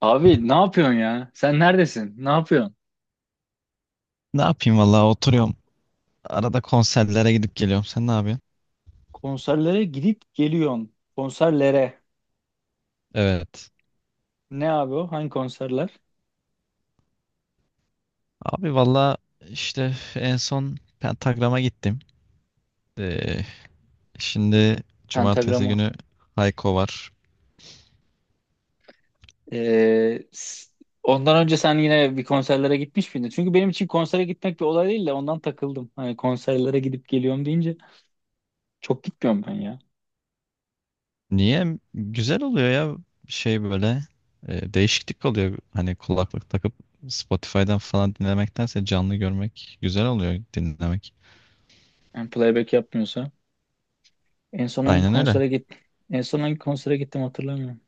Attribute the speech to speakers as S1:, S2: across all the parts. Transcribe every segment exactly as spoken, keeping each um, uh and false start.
S1: Abi ne yapıyorsun ya? Sen neredesin? Ne yapıyorsun?
S2: Ne yapayım valla oturuyorum. Arada konserlere gidip geliyorum. Sen ne yapıyorsun?
S1: Konserlere gidip geliyorsun. Konserlere.
S2: Evet.
S1: Ne abi o? Hangi konserler?
S2: Abi valla işte en son Pentagram'a gittim. Ee, şimdi cumartesi
S1: Pentagrama.
S2: günü Hayko var.
S1: Ee, s- Ondan önce sen yine bir konserlere gitmiş miydin? Çünkü benim için konsere gitmek bir olay değil de ondan takıldım. Hani konserlere gidip geliyorum deyince çok gitmiyorum ben ya.
S2: Niye? Güzel oluyor ya şey böyle. E, değişiklik oluyor. Hani kulaklık takıp Spotify'dan falan dinlemektense canlı görmek güzel oluyor dinlemek.
S1: Yani playback yapmıyorsa. En son hangi
S2: Aynen öyle.
S1: konsere git? En son hangi konsere gittim hatırlamıyorum.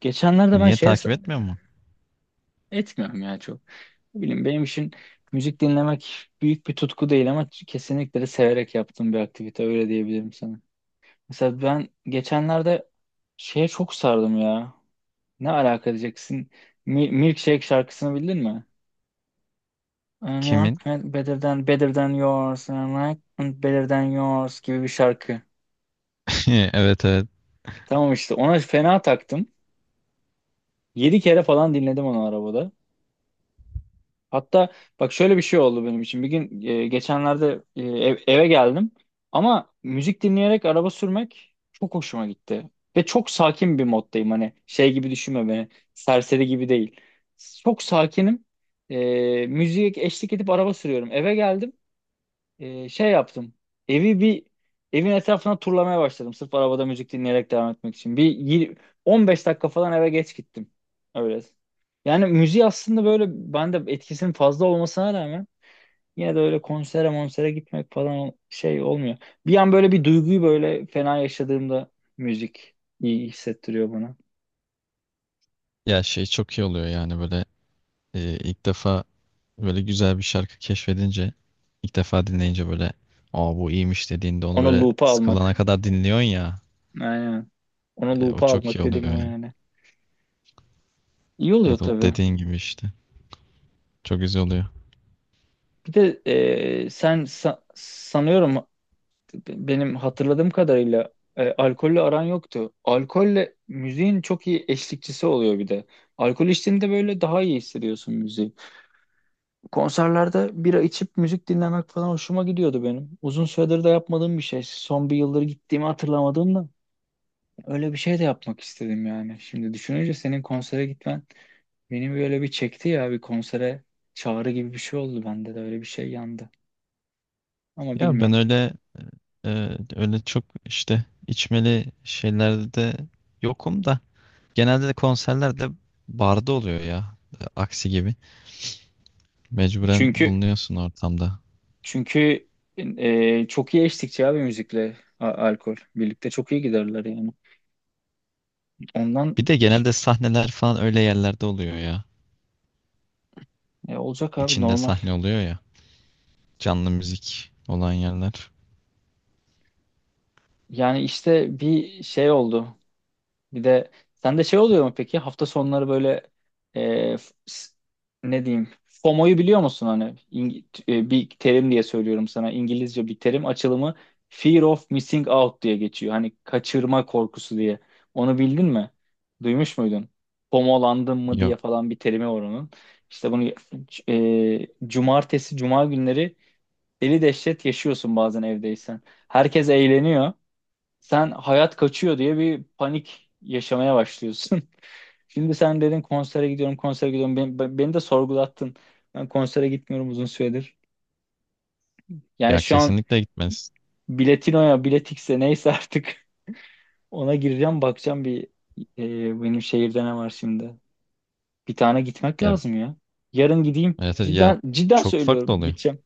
S1: Geçenlerde ben
S2: Niye
S1: şeye s-
S2: takip etmiyor mu?
S1: Etmiyorum ya çok. Ne bileyim benim için müzik dinlemek büyük bir tutku değil ama kesinlikle de severek yaptığım bir aktivite öyle diyebilirim sana. Mesela ben geçenlerde şeye çok sardım ya. Ne alaka diyeceksin? Mi- Milkshake şarkısını bildin mi? And Your
S2: Kimin?
S1: better than better than yours and like and better than yours gibi bir şarkı.
S2: Evet, evet.
S1: Tamam işte ona fena taktım. Yedi kere falan dinledim onu arabada. Hatta bak şöyle bir şey oldu benim için. Bir gün e, geçenlerde e, ev- eve geldim ama müzik dinleyerek araba sürmek çok hoşuma gitti. Ve çok sakin bir moddayım. Hani şey gibi düşünme beni. Serseri gibi değil. Çok sakinim. E, müziğe eşlik edip araba sürüyorum. Eve geldim, e, şey yaptım. Evi bir Evin etrafına turlamaya başladım. Sırf arabada müzik dinleyerek devam etmek için. Bir yir- on beş dakika falan eve geç gittim. Öyle. Yani müziği aslında böyle bende etkisinin fazla olmasına rağmen yine de öyle konsere monsere gitmek falan şey olmuyor. Bir an böyle bir duyguyu böyle fena yaşadığımda müzik iyi hissettiriyor bana.
S2: Ya şey çok iyi oluyor yani böyle. Ee, ilk defa böyle güzel bir şarkı keşfedince, ilk defa dinleyince böyle aa bu iyiymiş dediğinde onu
S1: Onu
S2: böyle
S1: loop'a
S2: sıkılana
S1: almak.
S2: kadar dinliyorsun ya.
S1: Aynen. Onu
S2: E, o
S1: loop'a
S2: çok iyi
S1: almak
S2: oluyor
S1: dediğim o
S2: yani.
S1: yani. İyi oluyor
S2: Evet, o
S1: tabii.
S2: dediğin gibi işte. Çok güzel oluyor.
S1: Bir de e, sen sa- sanıyorum benim hatırladığım kadarıyla e, alkolle aran yoktu. Alkolle müziğin çok iyi eşlikçisi oluyor bir de. Alkol içtiğinde böyle daha iyi hissediyorsun müziği. Konserlerde bira içip müzik dinlemek falan hoşuma gidiyordu benim. Uzun süredir de yapmadığım bir şey. Son bir yıldır gittiğimi hatırlamadım da öyle bir şey de yapmak istedim yani. Şimdi düşününce senin konsere gitmen beni böyle bir çekti ya, bir konsere çağrı gibi bir şey oldu, bende de öyle bir şey yandı. Ama
S2: Ya ben
S1: bilmiyorum.
S2: öyle e, öyle çok işte içmeli şeylerde de yokum da genelde de konserlerde barda oluyor ya. E, aksi gibi. Mecburen
S1: Çünkü
S2: bulunuyorsun ortamda.
S1: Çünkü e, çok iyi eşlikçi abi müzikle a- alkol. Birlikte çok iyi giderler yani. Ondan
S2: Bir de genelde sahneler falan öyle yerlerde oluyor ya.
S1: e, olacak abi
S2: İçinde
S1: normal.
S2: sahne oluyor ya. Canlı müzik olan yerler.
S1: Yani işte bir şey oldu. Bir de sende şey oluyor mu peki? Hafta sonları böyle e, f- s- ne diyeyim? F O M O'yu biliyor musun hani? İng- e, bir terim diye söylüyorum sana. İngilizce bir terim, açılımı Fear of Missing Out diye geçiyor. Hani kaçırma korkusu diye. Onu bildin mi? Duymuş muydun? F O M O'landın mı diye
S2: Yok.
S1: falan bir terimi var onun. İşte bunu e, cumartesi, cuma günleri deli dehşet yaşıyorsun bazen evdeysen. Herkes eğleniyor, sen hayat kaçıyor diye bir panik yaşamaya başlıyorsun. Şimdi sen dedin konsere gidiyorum, konsere gidiyorum. Beni, be- beni de sorgulattın. Ben konsere gitmiyorum uzun süredir. Yani
S2: Ya
S1: şu an
S2: kesinlikle gitmez.
S1: biletinoya, biletikse neyse artık ona gireceğim, bakacağım bir, e, benim şehirde ne var şimdi. Bir tane gitmek
S2: Ya
S1: lazım ya. Yarın gideyim.
S2: evet, evet, ya
S1: Cidden, cidden
S2: çok farklı
S1: söylüyorum
S2: oluyor.
S1: gideceğim.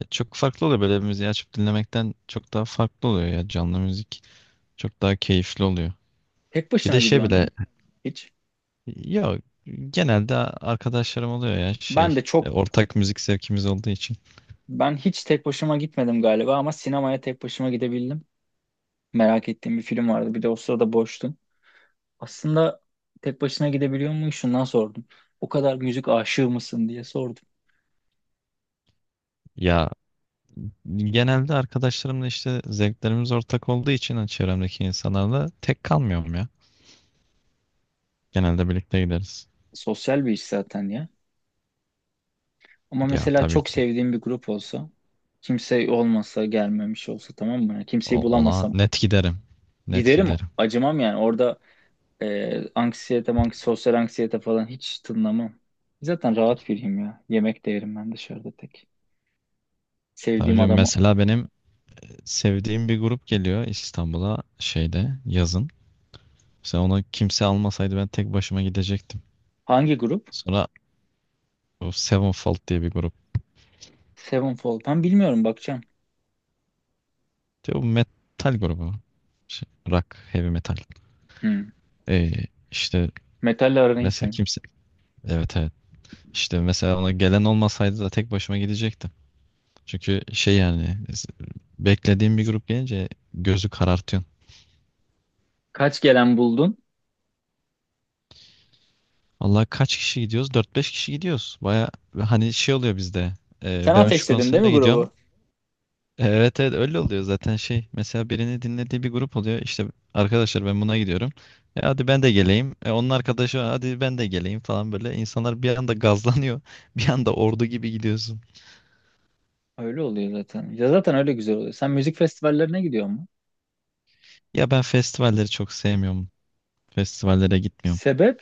S2: Ya çok farklı oluyor böyle bir müziği açıp dinlemekten çok daha farklı oluyor ya canlı müzik. Çok daha keyifli oluyor.
S1: Tek
S2: Bir de
S1: başına
S2: şey
S1: gidiyorum
S2: bile
S1: mu? Hiç.
S2: ya genelde arkadaşlarım oluyor ya
S1: Ben
S2: şey
S1: de
S2: e,
S1: çok,
S2: ortak müzik zevkimiz olduğu için.
S1: Ben hiç tek başıma gitmedim galiba ama sinemaya tek başıma gidebildim. Merak ettiğim bir film vardı. Bir de o sırada boştum. Aslında tek başına gidebiliyor muyum? Şundan sordum. O kadar müzik aşığı mısın diye sordum.
S2: Ya genelde arkadaşlarımla işte zevklerimiz ortak olduğu için hani çevremdeki insanlarla tek kalmıyorum ya. Genelde birlikte gideriz.
S1: Sosyal bir iş zaten ya. Ama
S2: Ya
S1: mesela
S2: tabii
S1: çok
S2: ki
S1: sevdiğim bir grup olsa, kimse olmasa, gelmemiş olsa, tamam mı? Yani kimseyi
S2: O- ona
S1: bulamasam
S2: net giderim. Net
S1: giderim,
S2: giderim.
S1: acımam yani. Orada e, anksiyete, mank- sosyal anksiyete falan hiç tınlamam. Zaten rahat biriyim ya. Yemek de yerim ben dışarıda tek.
S2: Tabii
S1: Sevdiğim
S2: hocam
S1: adamı.
S2: mesela benim sevdiğim bir grup geliyor İstanbul'a şeyde yazın. Mesela onu kimse almasaydı ben tek başıma gidecektim.
S1: Hangi grup?
S2: Sonra o Sevenfold diye bir grup.
S1: Sevenfold. Ben bilmiyorum, bakacağım.
S2: Diyor, bu metal grubu. Şey, rock, heavy metal.
S1: Hmm.
S2: Ee, işte
S1: Metalle aran iyi
S2: mesela
S1: senin.
S2: kimse... Evet, evet. İşte mesela ona gelen olmasaydı da tek başıma gidecektim. Çünkü şey yani beklediğim bir grup gelince gözü karartıyor.
S1: Kaç gelen buldun?
S2: Allah kaç kişi gidiyoruz? Dört beş kişi gidiyoruz. Baya hani şey oluyor bizde. Ee,
S1: Sen
S2: ben şu
S1: ateşledin değil mi
S2: konsere gidiyorum.
S1: grubu?
S2: Evet, evet, öyle oluyor zaten şey. Mesela birini dinlediği bir grup oluyor. İşte arkadaşlar ben buna gidiyorum. E, hadi ben de geleyim. E, onun arkadaşı hadi ben de geleyim falan böyle. İnsanlar bir anda gazlanıyor. Bir anda ordu gibi gidiyorsun.
S1: Öyle oluyor zaten. Ya zaten öyle güzel oluyor. Sen müzik festivallerine gidiyor mu?
S2: Ya ben festivalleri çok sevmiyorum. Festivallere gitmiyorum.
S1: Sebep?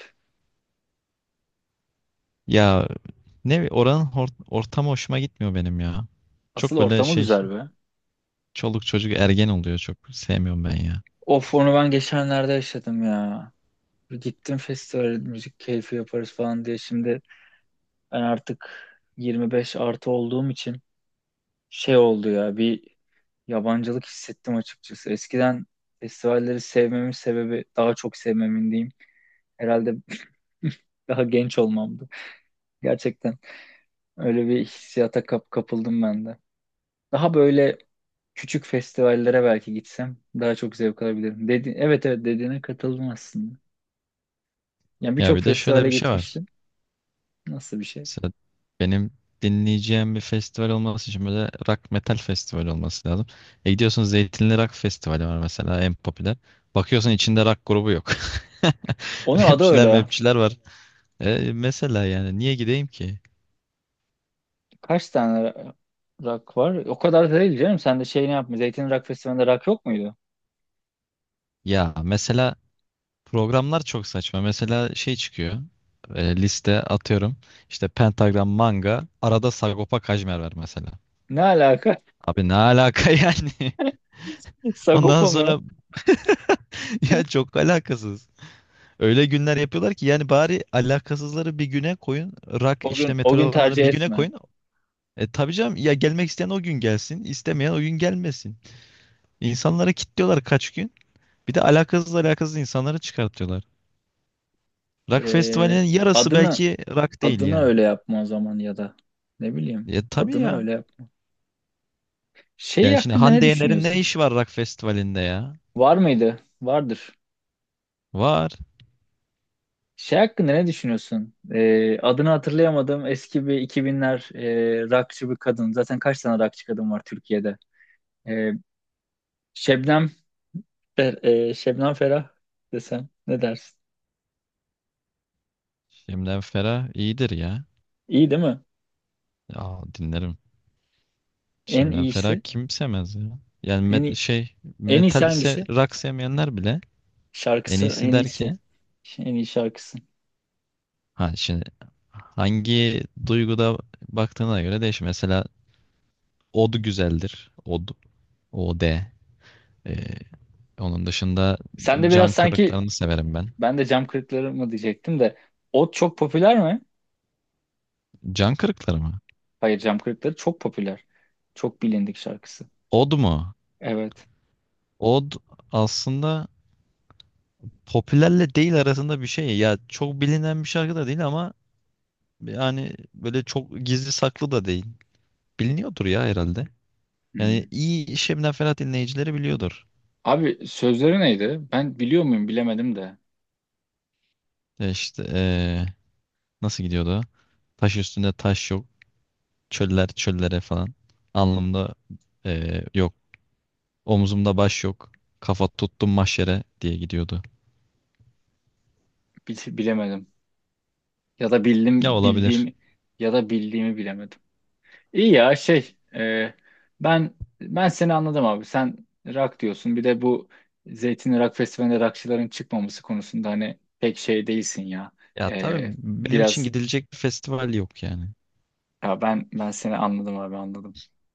S2: Ya ne bi- oranın hor- ortamı hoşuma gitmiyor benim ya.
S1: Asıl
S2: Çok böyle
S1: ortamı
S2: şey
S1: güzel be.
S2: çoluk çocuk ergen oluyor çok sevmiyorum ben ya.
S1: Of onu ben geçenlerde yaşadım ya. Gittim festivale müzik keyfi yaparız falan diye. Şimdi ben artık yirmi beş artı olduğum için şey oldu ya, bir yabancılık hissettim açıkçası. Eskiden festivalleri sevmemin sebebi, daha çok sevmemin diyeyim, herhalde daha genç olmamdı. Gerçekten. Öyle bir hissiyata kap kapıldım ben de. Daha böyle küçük festivallere belki gitsem daha çok zevk alabilirim dedi, evet evet dediğine katıldım aslında. Yani
S2: Ya
S1: birçok
S2: bir de şöyle
S1: festivale
S2: bir şey var.
S1: gitmiştim. Nasıl bir şey?
S2: Mesela benim dinleyeceğim bir festival olması için böyle rock metal festival olması lazım. E gidiyorsun Zeytinli Rock Festivali var mesela en popüler. Bakıyorsun içinde rock grubu yok.
S1: Onun adı öyle
S2: Rapçiler
S1: ya.
S2: mepçiler var. E mesela yani niye gideyim ki?
S1: Kaç tane ra- rock var? O kadar da değil canım. Sen de şeyini yapma. Zeytin Rock Festivali'nde rock yok muydu?
S2: Ya mesela programlar çok saçma. Mesela şey çıkıyor. E, liste atıyorum. İşte Pentagram Manga. Arada Sagopa Kajmer var mesela.
S1: Ne alaka?
S2: Abi ne alaka yani? Ondan
S1: Sagopa
S2: sonra
S1: mı?
S2: ya çok alakasız. Öyle günler yapıyorlar ki yani bari alakasızları bir güne koyun. Rak
S1: O
S2: işte
S1: gün o
S2: metal
S1: gün
S2: olanları
S1: tercih
S2: bir güne
S1: etme.
S2: koyun. E tabii canım ya gelmek isteyen o gün gelsin, istemeyen o gün gelmesin. İnsanları kilitliyorlar kaç gün. Bir de alakasız alakasız insanları çıkartıyorlar. Rock
S1: Ee,
S2: festivalinin yarısı
S1: adını
S2: belki rock değil
S1: Adını
S2: yani.
S1: öyle yapma o zaman, ya da ne bileyim.
S2: Ya tabii
S1: Adını
S2: ya.
S1: öyle yap. Şey
S2: Yani şimdi
S1: hakkında ne
S2: Hande Yener'in ne
S1: düşünüyorsun?
S2: işi var rock festivalinde ya?
S1: Var mıydı? Vardır.
S2: Var.
S1: Şey hakkında ne düşünüyorsun? Ee, adını hatırlayamadım. Eski bir iki binler e, rockçı bir kadın. Zaten kaç tane rockçı kadın var Türkiye'de? Ee, Şebnem Fer- e, Şebnem Ferah desem ne dersin?
S2: Şemden Ferah iyidir ya.
S1: İyi değil mi?
S2: Ya dinlerim.
S1: En
S2: Şemden Ferah
S1: iyisi.
S2: kim sevmez ya? Yani
S1: En
S2: met-
S1: iyi,
S2: şey
S1: En iyisi
S2: metal ise
S1: hangisi?
S2: rock sevmeyenler bile en
S1: Şarkısı
S2: iyisi
S1: en
S2: der
S1: iyisi.
S2: ki
S1: En iyi şarkısı.
S2: ha şimdi hangi duyguda baktığına göre değişir. Mesela od güzeldir. Od. O D. Ee, Onun dışında
S1: Sen de biraz
S2: can
S1: sanki
S2: kırıklarını severim ben.
S1: ben de Cam Kırıkları mı diyecektim de o çok popüler mi?
S2: Can kırıkları mı?
S1: Hayır, Cem Kırıkları çok popüler. Çok bilindik şarkısı.
S2: Od mu?
S1: Evet.
S2: Od aslında popülerle değil arasında bir şey. Ya çok bilinen bir şarkı da değil ama yani böyle çok gizli saklı da değil. Biliniyordur ya herhalde. Yani
S1: Hmm.
S2: iyi Şebnem Ferah dinleyicileri biliyordur.
S1: Abi sözleri neydi? Ben biliyor muyum bilemedim de.
S2: E İşte ee, nasıl gidiyordu o? Taş üstünde taş yok. Çöller çöllere falan. Alnımda eee, yok. Omzumda baş yok. Kafa tuttum mahşere diye gidiyordu.
S1: Bil- bilemedim. Ya da
S2: Ya
S1: bildim,
S2: olabilir.
S1: bildiğim ya da bildiğimi bilemedim. İyi ya şey, e, ben ben seni anladım abi. Sen rock diyorsun. Bir de bu Zeytin Rock Festivali'nde rockçıların çıkmaması konusunda hani pek şey değilsin ya.
S2: Ya
S1: E,
S2: tabii benim için
S1: biraz
S2: gidilecek bir festival yok yani.
S1: ya ben Ben seni anladım abi, anladım.